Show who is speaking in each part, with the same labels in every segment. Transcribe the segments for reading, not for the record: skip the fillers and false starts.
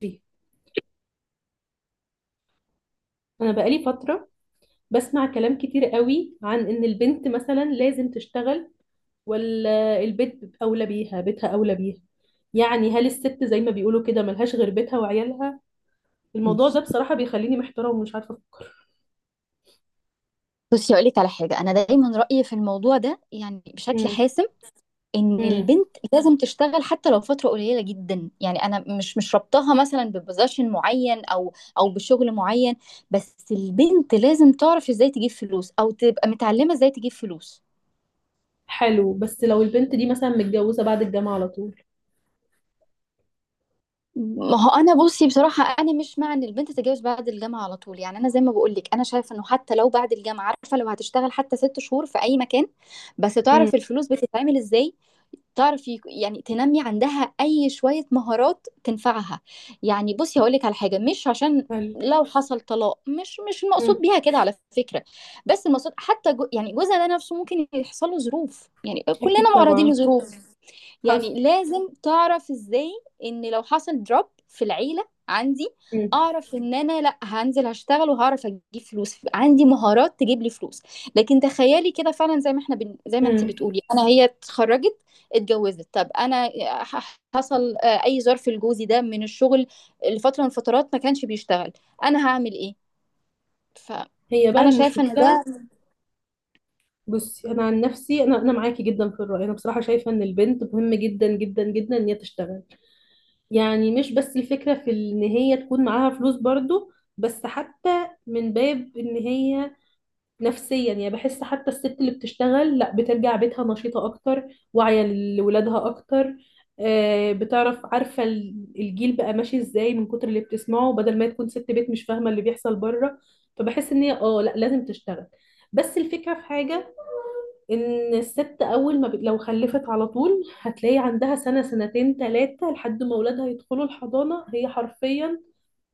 Speaker 1: دي. انا بقالي فتره بسمع كلام كتير قوي عن ان البنت مثلا لازم تشتغل، ولا البيت اولى بيها، بيتها اولى بيها. يعني هل الست زي ما بيقولوا كده ملهاش غير بيتها وعيالها؟ الموضوع ده
Speaker 2: بس.
Speaker 1: بصراحه بيخليني محتاره ومش عارفه افكر.
Speaker 2: بصي، هقول لك على حاجه، انا دايما رايي في الموضوع ده يعني بشكل
Speaker 1: امم.
Speaker 2: حاسم: ان
Speaker 1: امم.
Speaker 2: البنت لازم تشتغل حتى لو فتره قليله جدا. يعني انا مش ربطها مثلا ببوزيشن معين او بشغل معين. بس البنت لازم تعرف ازاي تجيب فلوس، او تبقى متعلمه ازاي تجيب فلوس.
Speaker 1: حلو، بس لو البنت دي مثلا متجوزه بعد الجامعه على طول؟
Speaker 2: ما هو انا بصي بصراحه، انا مش مع ان البنت تتجوز بعد الجامعه على طول. يعني انا زي ما بقول لك، انا شايفه انه حتى لو بعد الجامعه، عارفه، لو هتشتغل حتى ست شهور في اي مكان، بس
Speaker 1: امم.
Speaker 2: تعرف الفلوس بتتعمل ازاي. تعرف يعني تنمي عندها اي شوية مهارات تنفعها. يعني بصي هقولك على حاجة: مش عشان
Speaker 1: حلو.
Speaker 2: لو حصل طلاق، مش المقصود
Speaker 1: امم.
Speaker 2: بيها كده على فكرة. بس المقصود حتى جو، يعني جوزها ده نفسه ممكن يحصل له ظروف، يعني كلنا
Speaker 1: اكيد
Speaker 2: معرضين
Speaker 1: طبعا.
Speaker 2: لظروف.
Speaker 1: حصل.
Speaker 2: يعني لازم تعرف ازاي، ان لو حصل دروب في العيلة عندي،
Speaker 1: امم.
Speaker 2: اعرف ان انا لا، هنزل هشتغل وهعرف اجيب فلوس، عندي مهارات تجيب لي فلوس. لكن تخيلي كده فعلا، زي ما احنا زي ما انت
Speaker 1: امم.
Speaker 2: بتقولي، انا هي اتخرجت، اتجوزت، طب انا حصل اي ظرف لجوزي ده من الشغل لفترة من الفترات ما كانش بيشتغل، انا هعمل ايه؟
Speaker 1: هي بقى
Speaker 2: فانا شايفة ان ده
Speaker 1: المشكله. بصي، انا عن نفسي، انا معاكي جدا في الراي. انا بصراحه شايفه ان البنت مهم جدا جدا جدا ان هي تشتغل. يعني مش بس الفكره في ان هي تكون معاها فلوس برضو، بس حتى من باب ان هي نفسيا، يعني بحس حتى الست اللي بتشتغل لا بترجع بيتها نشيطه اكتر، واعيه لولادها اكتر. آه، بتعرف عارفه الجيل بقى ماشي ازاي من كتر اللي بتسمعه، بدل ما تكون ست بيت مش فاهمه اللي بيحصل بره. فبحس ان هي لا، لازم تشتغل. بس الفكره في حاجه، ان الست اول ما لو خلفت على طول هتلاقي عندها سنة سنتين ثلاثة لحد ما اولادها يدخلوا الحضانة، هي حرفيا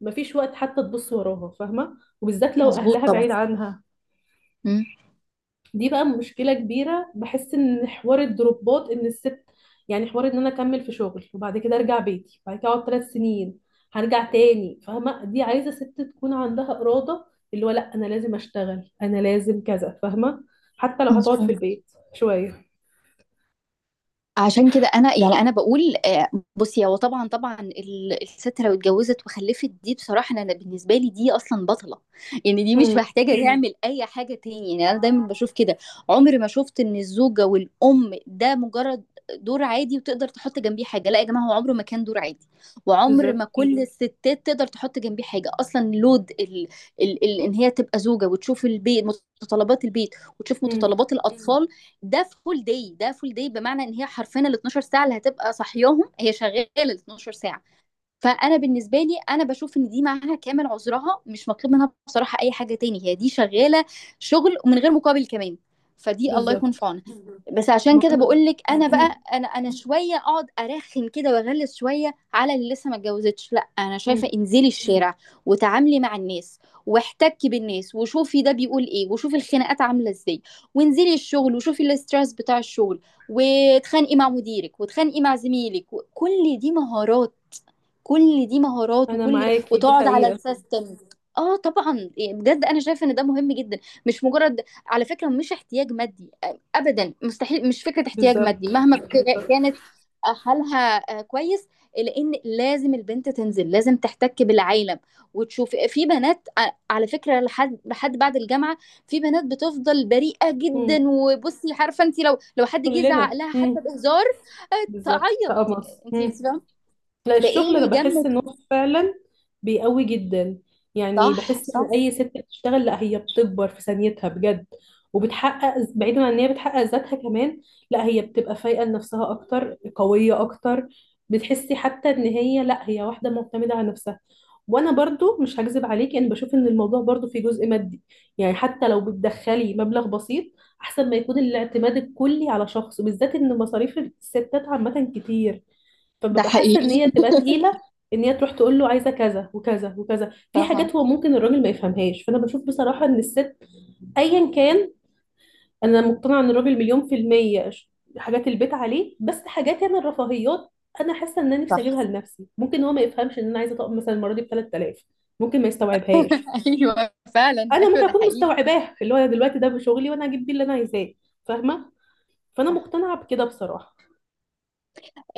Speaker 1: مفيش وقت حتى تبص وراها، فاهمة؟ وبالذات لو
Speaker 2: مظبوط
Speaker 1: اهلها
Speaker 2: طبعا.
Speaker 1: بعيد عنها.
Speaker 2: مم.
Speaker 1: دي بقى مشكلة كبيرة، بحس ان حوار الدروبات، ان الست يعني حوار ان انا اكمل في شغل وبعد كده ارجع بيتي، بعد كده اقعد ثلاث سنين هرجع تاني، فاهمة؟ دي عايزة ست تكون عندها إرادة، اللي هو لا، انا لازم اشتغل، انا لازم كذا، فاهمة؟ حتى لو هتقعد في
Speaker 2: مظبوط.
Speaker 1: البيت شوية.
Speaker 2: عشان كده انا، يعني انا بقول بصي، هو طبعا طبعا الست لو اتجوزت وخلفت، دي بصراحه انا، بالنسبه لي دي اصلا بطله. يعني دي مش محتاجه تعمل اي حاجه تاني. يعني انا دايما بشوف كده، عمري ما شفت ان الزوجه والام ده مجرد دور عادي وتقدر تحط جنبيه حاجه. لا يا جماعه، هو عمره ما كان دور عادي، وعمر ما
Speaker 1: بالظبط.
Speaker 2: كل الستات تقدر تحط جنبيه حاجه اصلا لود ال ان هي تبقى زوجه وتشوف البيت، متطلبات البيت، وتشوف
Speaker 1: مم.
Speaker 2: متطلبات الاطفال. ده فول داي، ده فول داي، بمعنى ان هي حرفيا ال 12 ساعه اللي هتبقى صاحياهم هي شغاله ال 12 ساعه. فانا بالنسبه لي، انا بشوف ان دي معاها كامل عذرها، مش مطلوب منها بصراحه اي حاجه تاني، هي دي شغاله شغل، ومن غير مقابل كمان. فدي الله يكون في
Speaker 1: بالظبط.
Speaker 2: عونها. بس عشان
Speaker 1: ما
Speaker 2: كده
Speaker 1: انا.
Speaker 2: بقول لك، انا
Speaker 1: مم.
Speaker 2: بقى انا، انا شويه اقعد ارخم كده واغلس شويه على اللي لسه ما اتجوزتش: لا، انا شايفه
Speaker 1: مم.
Speaker 2: انزلي الشارع، وتعاملي مع الناس، واحتكي بالناس، وشوفي ده بيقول ايه، وشوفي الخناقات عامله ازاي، وانزلي الشغل، وشوفي الاسترس بتاع الشغل، واتخانقي مع مديرك، واتخانقي مع زميلك. كل دي مهارات، كل دي مهارات،
Speaker 1: انا
Speaker 2: وكل ده،
Speaker 1: معاكي دي
Speaker 2: وتقعد على
Speaker 1: حقيقة.
Speaker 2: السيستم. اه طبعا، يعني بجد انا شايفه ان ده مهم جدا. مش مجرد، على فكره، مش احتياج مادي، ابدا، مستحيل، مش فكره احتياج مادي
Speaker 1: بالظبط.
Speaker 2: مهما
Speaker 1: بالظبط.
Speaker 2: كانت حالها كويس. لان لازم البنت تنزل، لازم تحتك بالعالم وتشوف. في بنات على فكره لحد، لحد بعد الجامعه، في بنات بتفضل بريئه
Speaker 1: مم.
Speaker 2: جدا. وبصي عارفه انت، لو حد جه زعق
Speaker 1: كلنا
Speaker 2: لها
Speaker 1: مم.
Speaker 2: حتى بهزار آه،
Speaker 1: بالظبط
Speaker 2: تعيط. إيه،
Speaker 1: كقمص.
Speaker 2: انت فاهمه؟
Speaker 1: لا،
Speaker 2: فايه
Speaker 1: الشغل
Speaker 2: اللي
Speaker 1: انا بحس
Speaker 2: يجمد؟
Speaker 1: ان هو فعلا بيقوي جدا. يعني
Speaker 2: صح،
Speaker 1: بحس ان
Speaker 2: صح.
Speaker 1: اي ست بتشتغل لا، هي بتكبر في ثانيتها بجد، وبتحقق بعيدا عن ان هي بتحقق ذاتها كمان. لا هي بتبقى فايقه لنفسها اكتر، قويه اكتر. بتحسي حتى ان هي لا، هي واحده معتمده على نفسها. وانا برضو مش هكذب عليكي، انا بشوف ان الموضوع برضو فيه جزء مادي. يعني حتى لو بتدخلي مبلغ بسيط، احسن ما يكون الاعتماد الكلي على شخص، وبالذات ان مصاريف الستات عامه كتير.
Speaker 2: ده
Speaker 1: فببقى حاسه ان
Speaker 2: حقيقي.
Speaker 1: هي تبقى تقيله، ان هي تروح تقول له عايزه كذا وكذا وكذا في
Speaker 2: طبعا.
Speaker 1: حاجات هو ممكن الراجل ما يفهمهاش. فانا بشوف بصراحه ان الست ايا كان، انا مقتنعه ان الراجل مليون في الميه، حاجات البيت عليه، بس حاجات انا الرفاهيات. انا حاسه ان انا نفسي اجيبها
Speaker 2: صح.
Speaker 1: لنفسي، ممكن هو ما يفهمش ان انا عايزه طقم مثلا المره دي ب 3000، ممكن ما يستوعبهاش.
Speaker 2: ايوه فعلا،
Speaker 1: انا ممكن
Speaker 2: ايوه ده
Speaker 1: اكون
Speaker 2: حقيقي.
Speaker 1: مستوعباه، اللي هو أنا دلوقتي ده بشغلي وانا هجيب بيه اللي انا عايزاه، فاهمه؟ فانا
Speaker 2: صح.
Speaker 1: مقتنعه بكده بصراحه.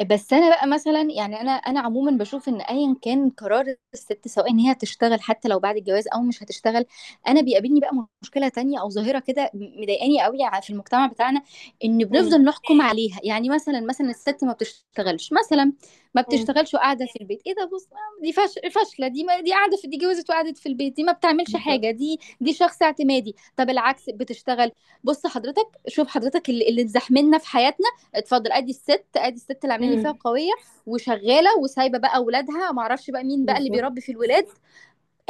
Speaker 2: بس انا بقى مثلا، يعني انا، انا عموما بشوف ان ايا كان قرار الست، سواء ان هي هتشتغل حتى لو بعد الجواز، او مش هتشتغل، انا بيقابلني بقى مشكله تانية او ظاهره كده مضايقاني قوي في المجتمع بتاعنا: ان
Speaker 1: امم.
Speaker 2: بنفضل نحكم عليها. يعني مثلا، مثلا الست ما بتشتغلش مثلا، ما
Speaker 1: امم.
Speaker 2: بتشتغلش وقاعده في البيت: ايه ده؟ بص، دي فاشله، دي ما دي قاعده في، دي جوزت وقعدت في البيت، دي ما بتعملش
Speaker 1: بالظبط.
Speaker 2: حاجه، دي، دي شخص اعتمادي. طب العكس بتشتغل: بص حضرتك، شوف حضرتك اللي اتزحملنا في حياتنا، اتفضل ادي الست، ادي الست اللي عاملين لي فيها
Speaker 1: امم.
Speaker 2: قويه وشغاله وسايبه بقى اولادها، ما اعرفش بقى مين بقى اللي
Speaker 1: بالظبط.
Speaker 2: بيربي في الولاد.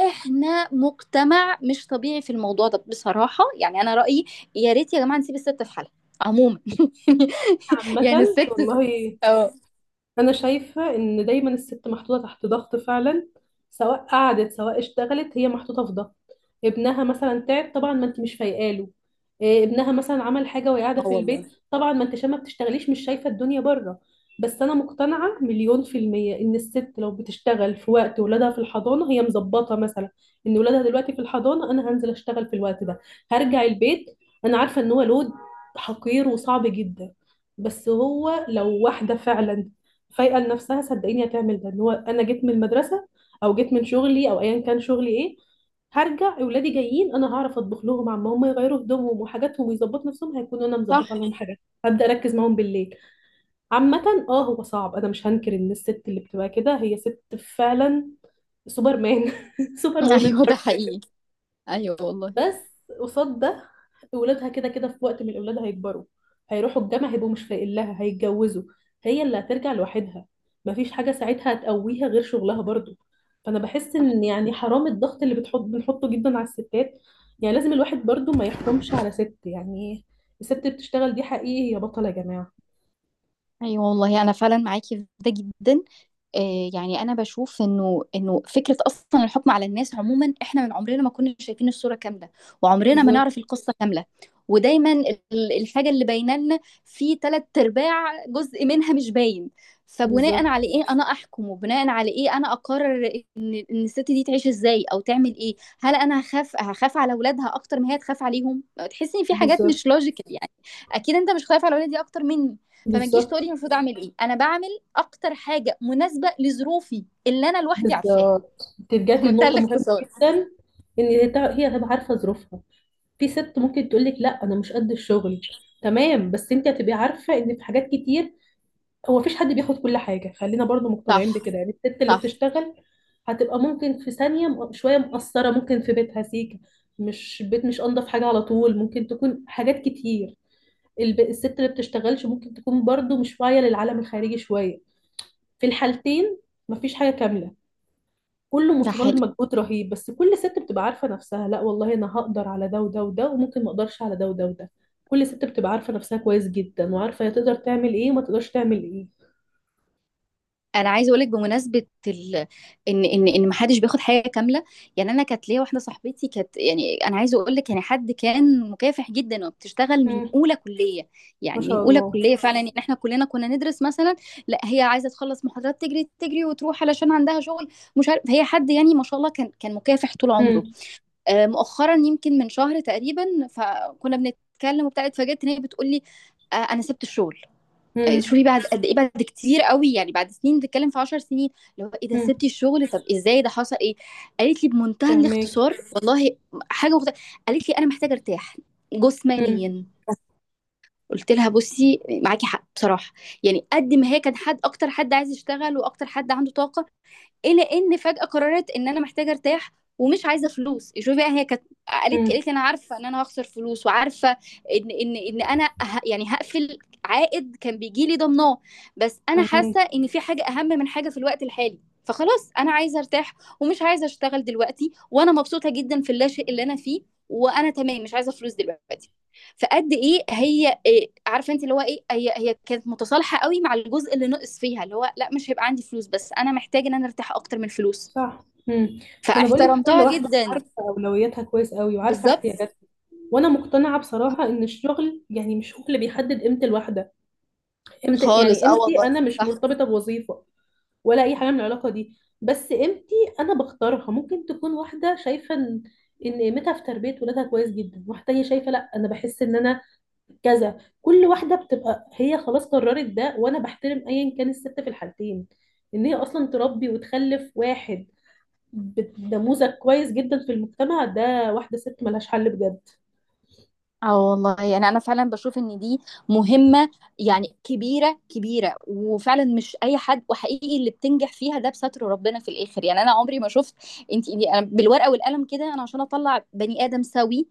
Speaker 2: احنا مجتمع مش طبيعي في الموضوع ده بصراحه. يعني انا رايي: يا ريت يا جماعه نسيب الست في حالها عموما.
Speaker 1: عامة
Speaker 2: يعني الست.
Speaker 1: والله.
Speaker 2: اه.
Speaker 1: انا شايفه ان دايما الست محطوطه تحت ضغط فعلا، سواء قعدت سواء اشتغلت هي محطوطه في ضغط. ابنها مثلا تعب، طبعا ما انت مش فايقاله. إيه، ابنها مثلا عمل حاجه وهي قاعده
Speaker 2: اه
Speaker 1: في
Speaker 2: والله.
Speaker 1: البيت، طبعا ما انت عشان ما بتشتغليش مش شايفه الدنيا بره. بس انا مقتنعه مليون في الميه ان الست لو بتشتغل في وقت ولادها في الحضانه هي مظبطه، مثلا ان ولادها دلوقتي في الحضانه انا هنزل اشتغل في الوقت ده، هرجع البيت. انا عارفه ان هو لود، حقير وصعب جدا. بس هو لو واحدة فعلا فايقه لنفسها، صدقيني هتعمل ده، ان هو انا جيت من المدرسه او جيت من شغلي او ايا كان شغلي ايه، هرجع اولادي جايين، انا هعرف اطبخ لهم، عما هم يغيروا هدومهم وحاجاتهم ويظبطوا نفسهم، هيكونوا انا
Speaker 2: صح.
Speaker 1: مظبطه لهم حاجات، هبدا اركز معاهم بالليل. عامه، اه هو صعب، انا مش هنكر ان الست اللي بتبقى كده هي ست فعلا، سوبر مان سوبر وومن.
Speaker 2: ايوه ده حقيقي. ايوه والله.
Speaker 1: بس قصاد ده، ولادها كده كده في وقت من الأولاد هيكبروا، هيروحوا الجامعة، هيبقوا مش لاقيين لها، هيتجوزوا، هي اللي هترجع لوحدها، مفيش حاجة ساعتها هتقويها غير شغلها برضو. فأنا بحس
Speaker 2: صح.
Speaker 1: إن، يعني حرام الضغط اللي بنحطه جدا على الستات. يعني لازم الواحد برضو ما يحكمش على ست، يعني الست بتشتغل دي حقيقي يا بطلة يا جماعة.
Speaker 2: ايوه والله، انا فعلا معاكي في ده جدا. يعني انا بشوف انه فكره اصلا الحكم على الناس عموما، احنا من عمرنا ما كنا شايفين الصوره كامله، وعمرنا ما
Speaker 1: بالظبط.
Speaker 2: نعرف القصه كامله. ودايما الحاجه اللي باينه لنا، في تلات ارباع جزء منها مش باين. فبناء
Speaker 1: بالظبط.
Speaker 2: على ايه انا احكم؟ وبناء على ايه انا اقرر ان الست دي تعيش ازاي او تعمل ايه؟ هل انا هخاف على اولادها اكتر ما هي تخاف عليهم؟ تحس ان في حاجات مش
Speaker 1: بالظبط.
Speaker 2: لوجيكال، يعني. اكيد انت مش خايف على ولادي اكتر مني. فما تجيش تقولي
Speaker 1: بالظبط.
Speaker 2: المفروض اعمل ايه، انا بعمل اكتر حاجه مناسبه لظروفي اللي انا لوحدي عارفاها.
Speaker 1: بالظبط. انت رجعتي
Speaker 2: بمنتهى
Speaker 1: لنقطة مهمة
Speaker 2: الاختصار.
Speaker 1: جدا، ان هي هي هتبقى عارفة ظروفها. في ست ممكن تقولك لا انا مش قد الشغل، تمام، بس انت هتبقي عارفه ان في حاجات كتير، هو مفيش حد بياخد كل حاجه، خلينا برضو مقتنعين
Speaker 2: صح،
Speaker 1: بكده، يعني الست اللي
Speaker 2: صح.
Speaker 1: بتشتغل هتبقى ممكن في ثانيه شويه مقصره، ممكن في بيتها سيكه مش بيت، مش انضف حاجه على طول، ممكن تكون حاجات كتير. الست اللي بتشتغلش ممكن تكون برضو مش واعيه للعالم الخارجي شويه. في الحالتين مفيش حاجه كامله، كله
Speaker 2: ده
Speaker 1: متطلب
Speaker 2: حقيقي.
Speaker 1: مجهود رهيب، بس كل ست بتبقى عارفة نفسها، لا والله انا هقدر على ده وده وده، وممكن ما اقدرش على ده وده وده. كل ست بتبقى عارفة نفسها كويس جدا، وعارفة هي تقدر تعمل ايه وما تقدرش تعمل ايه.
Speaker 2: انا عايزه اقول لك بمناسبه ان ان ما حدش بياخد حاجه كامله. يعني انا كانت ليا واحده صاحبتي، كانت، يعني انا عايزه اقول لك، يعني حد كان مكافح جدا وبتشتغل من
Speaker 1: امم.
Speaker 2: اولى كليه.
Speaker 1: ما
Speaker 2: يعني من
Speaker 1: شاء
Speaker 2: اولى
Speaker 1: الله.
Speaker 2: كليه فعلا، ان احنا كلنا كنا ندرس مثلا، لا هي عايزه تخلص محاضرات، تجري تجري وتروح علشان عندها شغل، مش عارف. هي حد يعني ما شاء الله، كان مكافح طول عمره.
Speaker 1: امم.
Speaker 2: مؤخرا يمكن من شهر تقريبا، فكنا بنتكلم وبتاع، اتفاجئت ان هي بتقول لي انا سبت الشغل.
Speaker 1: امم.
Speaker 2: شوفي بعد قد ايه، بعد كتير قوي، يعني بعد سنين، بتتكلم في 10 سنين. اللي هو، ايه ده
Speaker 1: امم.
Speaker 2: سبتي الشغل، طب ازاي، ده حصل ايه؟ قالت لي بمنتهى
Speaker 1: فهماكي.
Speaker 2: الاختصار، والله حاجه مخت... قالت لي انا محتاجه ارتاح
Speaker 1: امم.
Speaker 2: جسمانيا. قلت لها بصي معاكي حق بصراحه. يعني قد ما هي كان حد، اكتر حد عايز يشتغل، واكتر حد عنده طاقه، الى ان فجأة قررت ان انا محتاجة ارتاح، ومش عايزة فلوس. شوفي بقى، هي كانت، قالت
Speaker 1: امم.
Speaker 2: قالت لي انا عارفة ان انا هخسر فلوس، وعارفة ان، ان انا يعني هقفل. عائد كان بيجي لي ضمناه، بس انا حاسة
Speaker 1: فهماكي.
Speaker 2: ان في حاجة اهم من حاجة في الوقت الحالي. فخلاص انا عايزة ارتاح، ومش عايزة اشتغل دلوقتي، وانا مبسوطة جدا في اللاشئ اللي انا فيه، وانا تمام، مش عايزة فلوس دلوقتي. فقد ايه هي، إيه عارفه انت اللي هو ايه، هي كانت متصالحه قوي مع الجزء اللي نقص فيها، اللي هو لا، مش هيبقى عندي فلوس، بس انا محتاج ان انا ارتاح اكتر من الفلوس.
Speaker 1: صح. امم. ما انا بقول لك كل
Speaker 2: فاحترمتها
Speaker 1: واحدة
Speaker 2: جدا.
Speaker 1: عارفة اولوياتها كويس قوي، وعارفة
Speaker 2: بالظبط.
Speaker 1: احتياجاتها. وانا مقتنعة بصراحة ان الشغل يعني مش هو اللي بيحدد قيمة الواحدة، قيمة، يعني
Speaker 2: خالص، اه
Speaker 1: قيمتي
Speaker 2: والله.
Speaker 1: انا مش مرتبطة بوظيفة، ولا اي حاجه من العلاقه دي. بس قيمتي انا بختارها، ممكن تكون واحده شايفه ان قيمتها في تربيه ولادها كويس جدا، واحده تانية شايفه لا، انا بحس ان انا كذا. كل واحده بتبقى هي خلاص قررت ده، وانا بحترم ايا كان الست في الحالتين، ان هي اصلا تربي وتخلف واحد نموذج كويس جدا في المجتمع ده، واحده ست ملهاش حل بجد.
Speaker 2: اه والله، يعني انا فعلا بشوف ان دي مهمة، يعني كبيرة كبيرة، وفعلا مش اي حد. وحقيقي، اللي بتنجح فيها ده بستر ربنا في الاخر. يعني انا عمري ما شفت، انت يعني، انا بالورقة والقلم كده، انا عشان اطلع بني ادم سوي،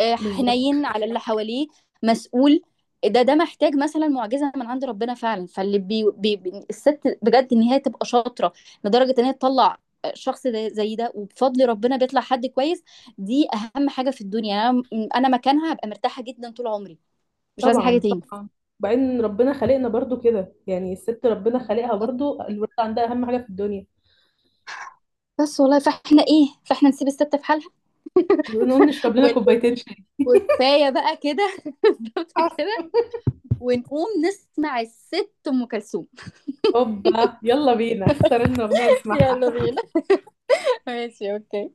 Speaker 1: بالظبط.
Speaker 2: حنين على اللي حواليه، مسؤول، ده، ده محتاج مثلا معجزه من عند ربنا فعلا. فاللي، الست بجد ان هي تبقى شاطره لدرجه ان هي تطلع شخص زي ده، وبفضل ربنا بيطلع حد كويس، دي اهم حاجه في الدنيا. يعني انا، انا مكانها هبقى مرتاحه جدا طول عمري، مش عايزه حاجه
Speaker 1: طبعا.
Speaker 2: تاني.
Speaker 1: طبعا. وبعدين ربنا خلقنا برضو كده، يعني الست ربنا خلقها برضو الولد عندها اهم حاجه في الدنيا.
Speaker 2: بس والله، فاحنا ايه، فاحنا نسيب الست في حالها.
Speaker 1: بنقول نشرب لنا
Speaker 2: وال-
Speaker 1: كوبايتين شاي.
Speaker 2: وكفايه بقى كده. بالظبط
Speaker 1: حصل.
Speaker 2: كده. ونقوم نسمع الست ام كلثوم.
Speaker 1: هوبا، يلا بينا اختار لنا اغنيه نسمعها.
Speaker 2: يلا بينا. ماشي، اوكي.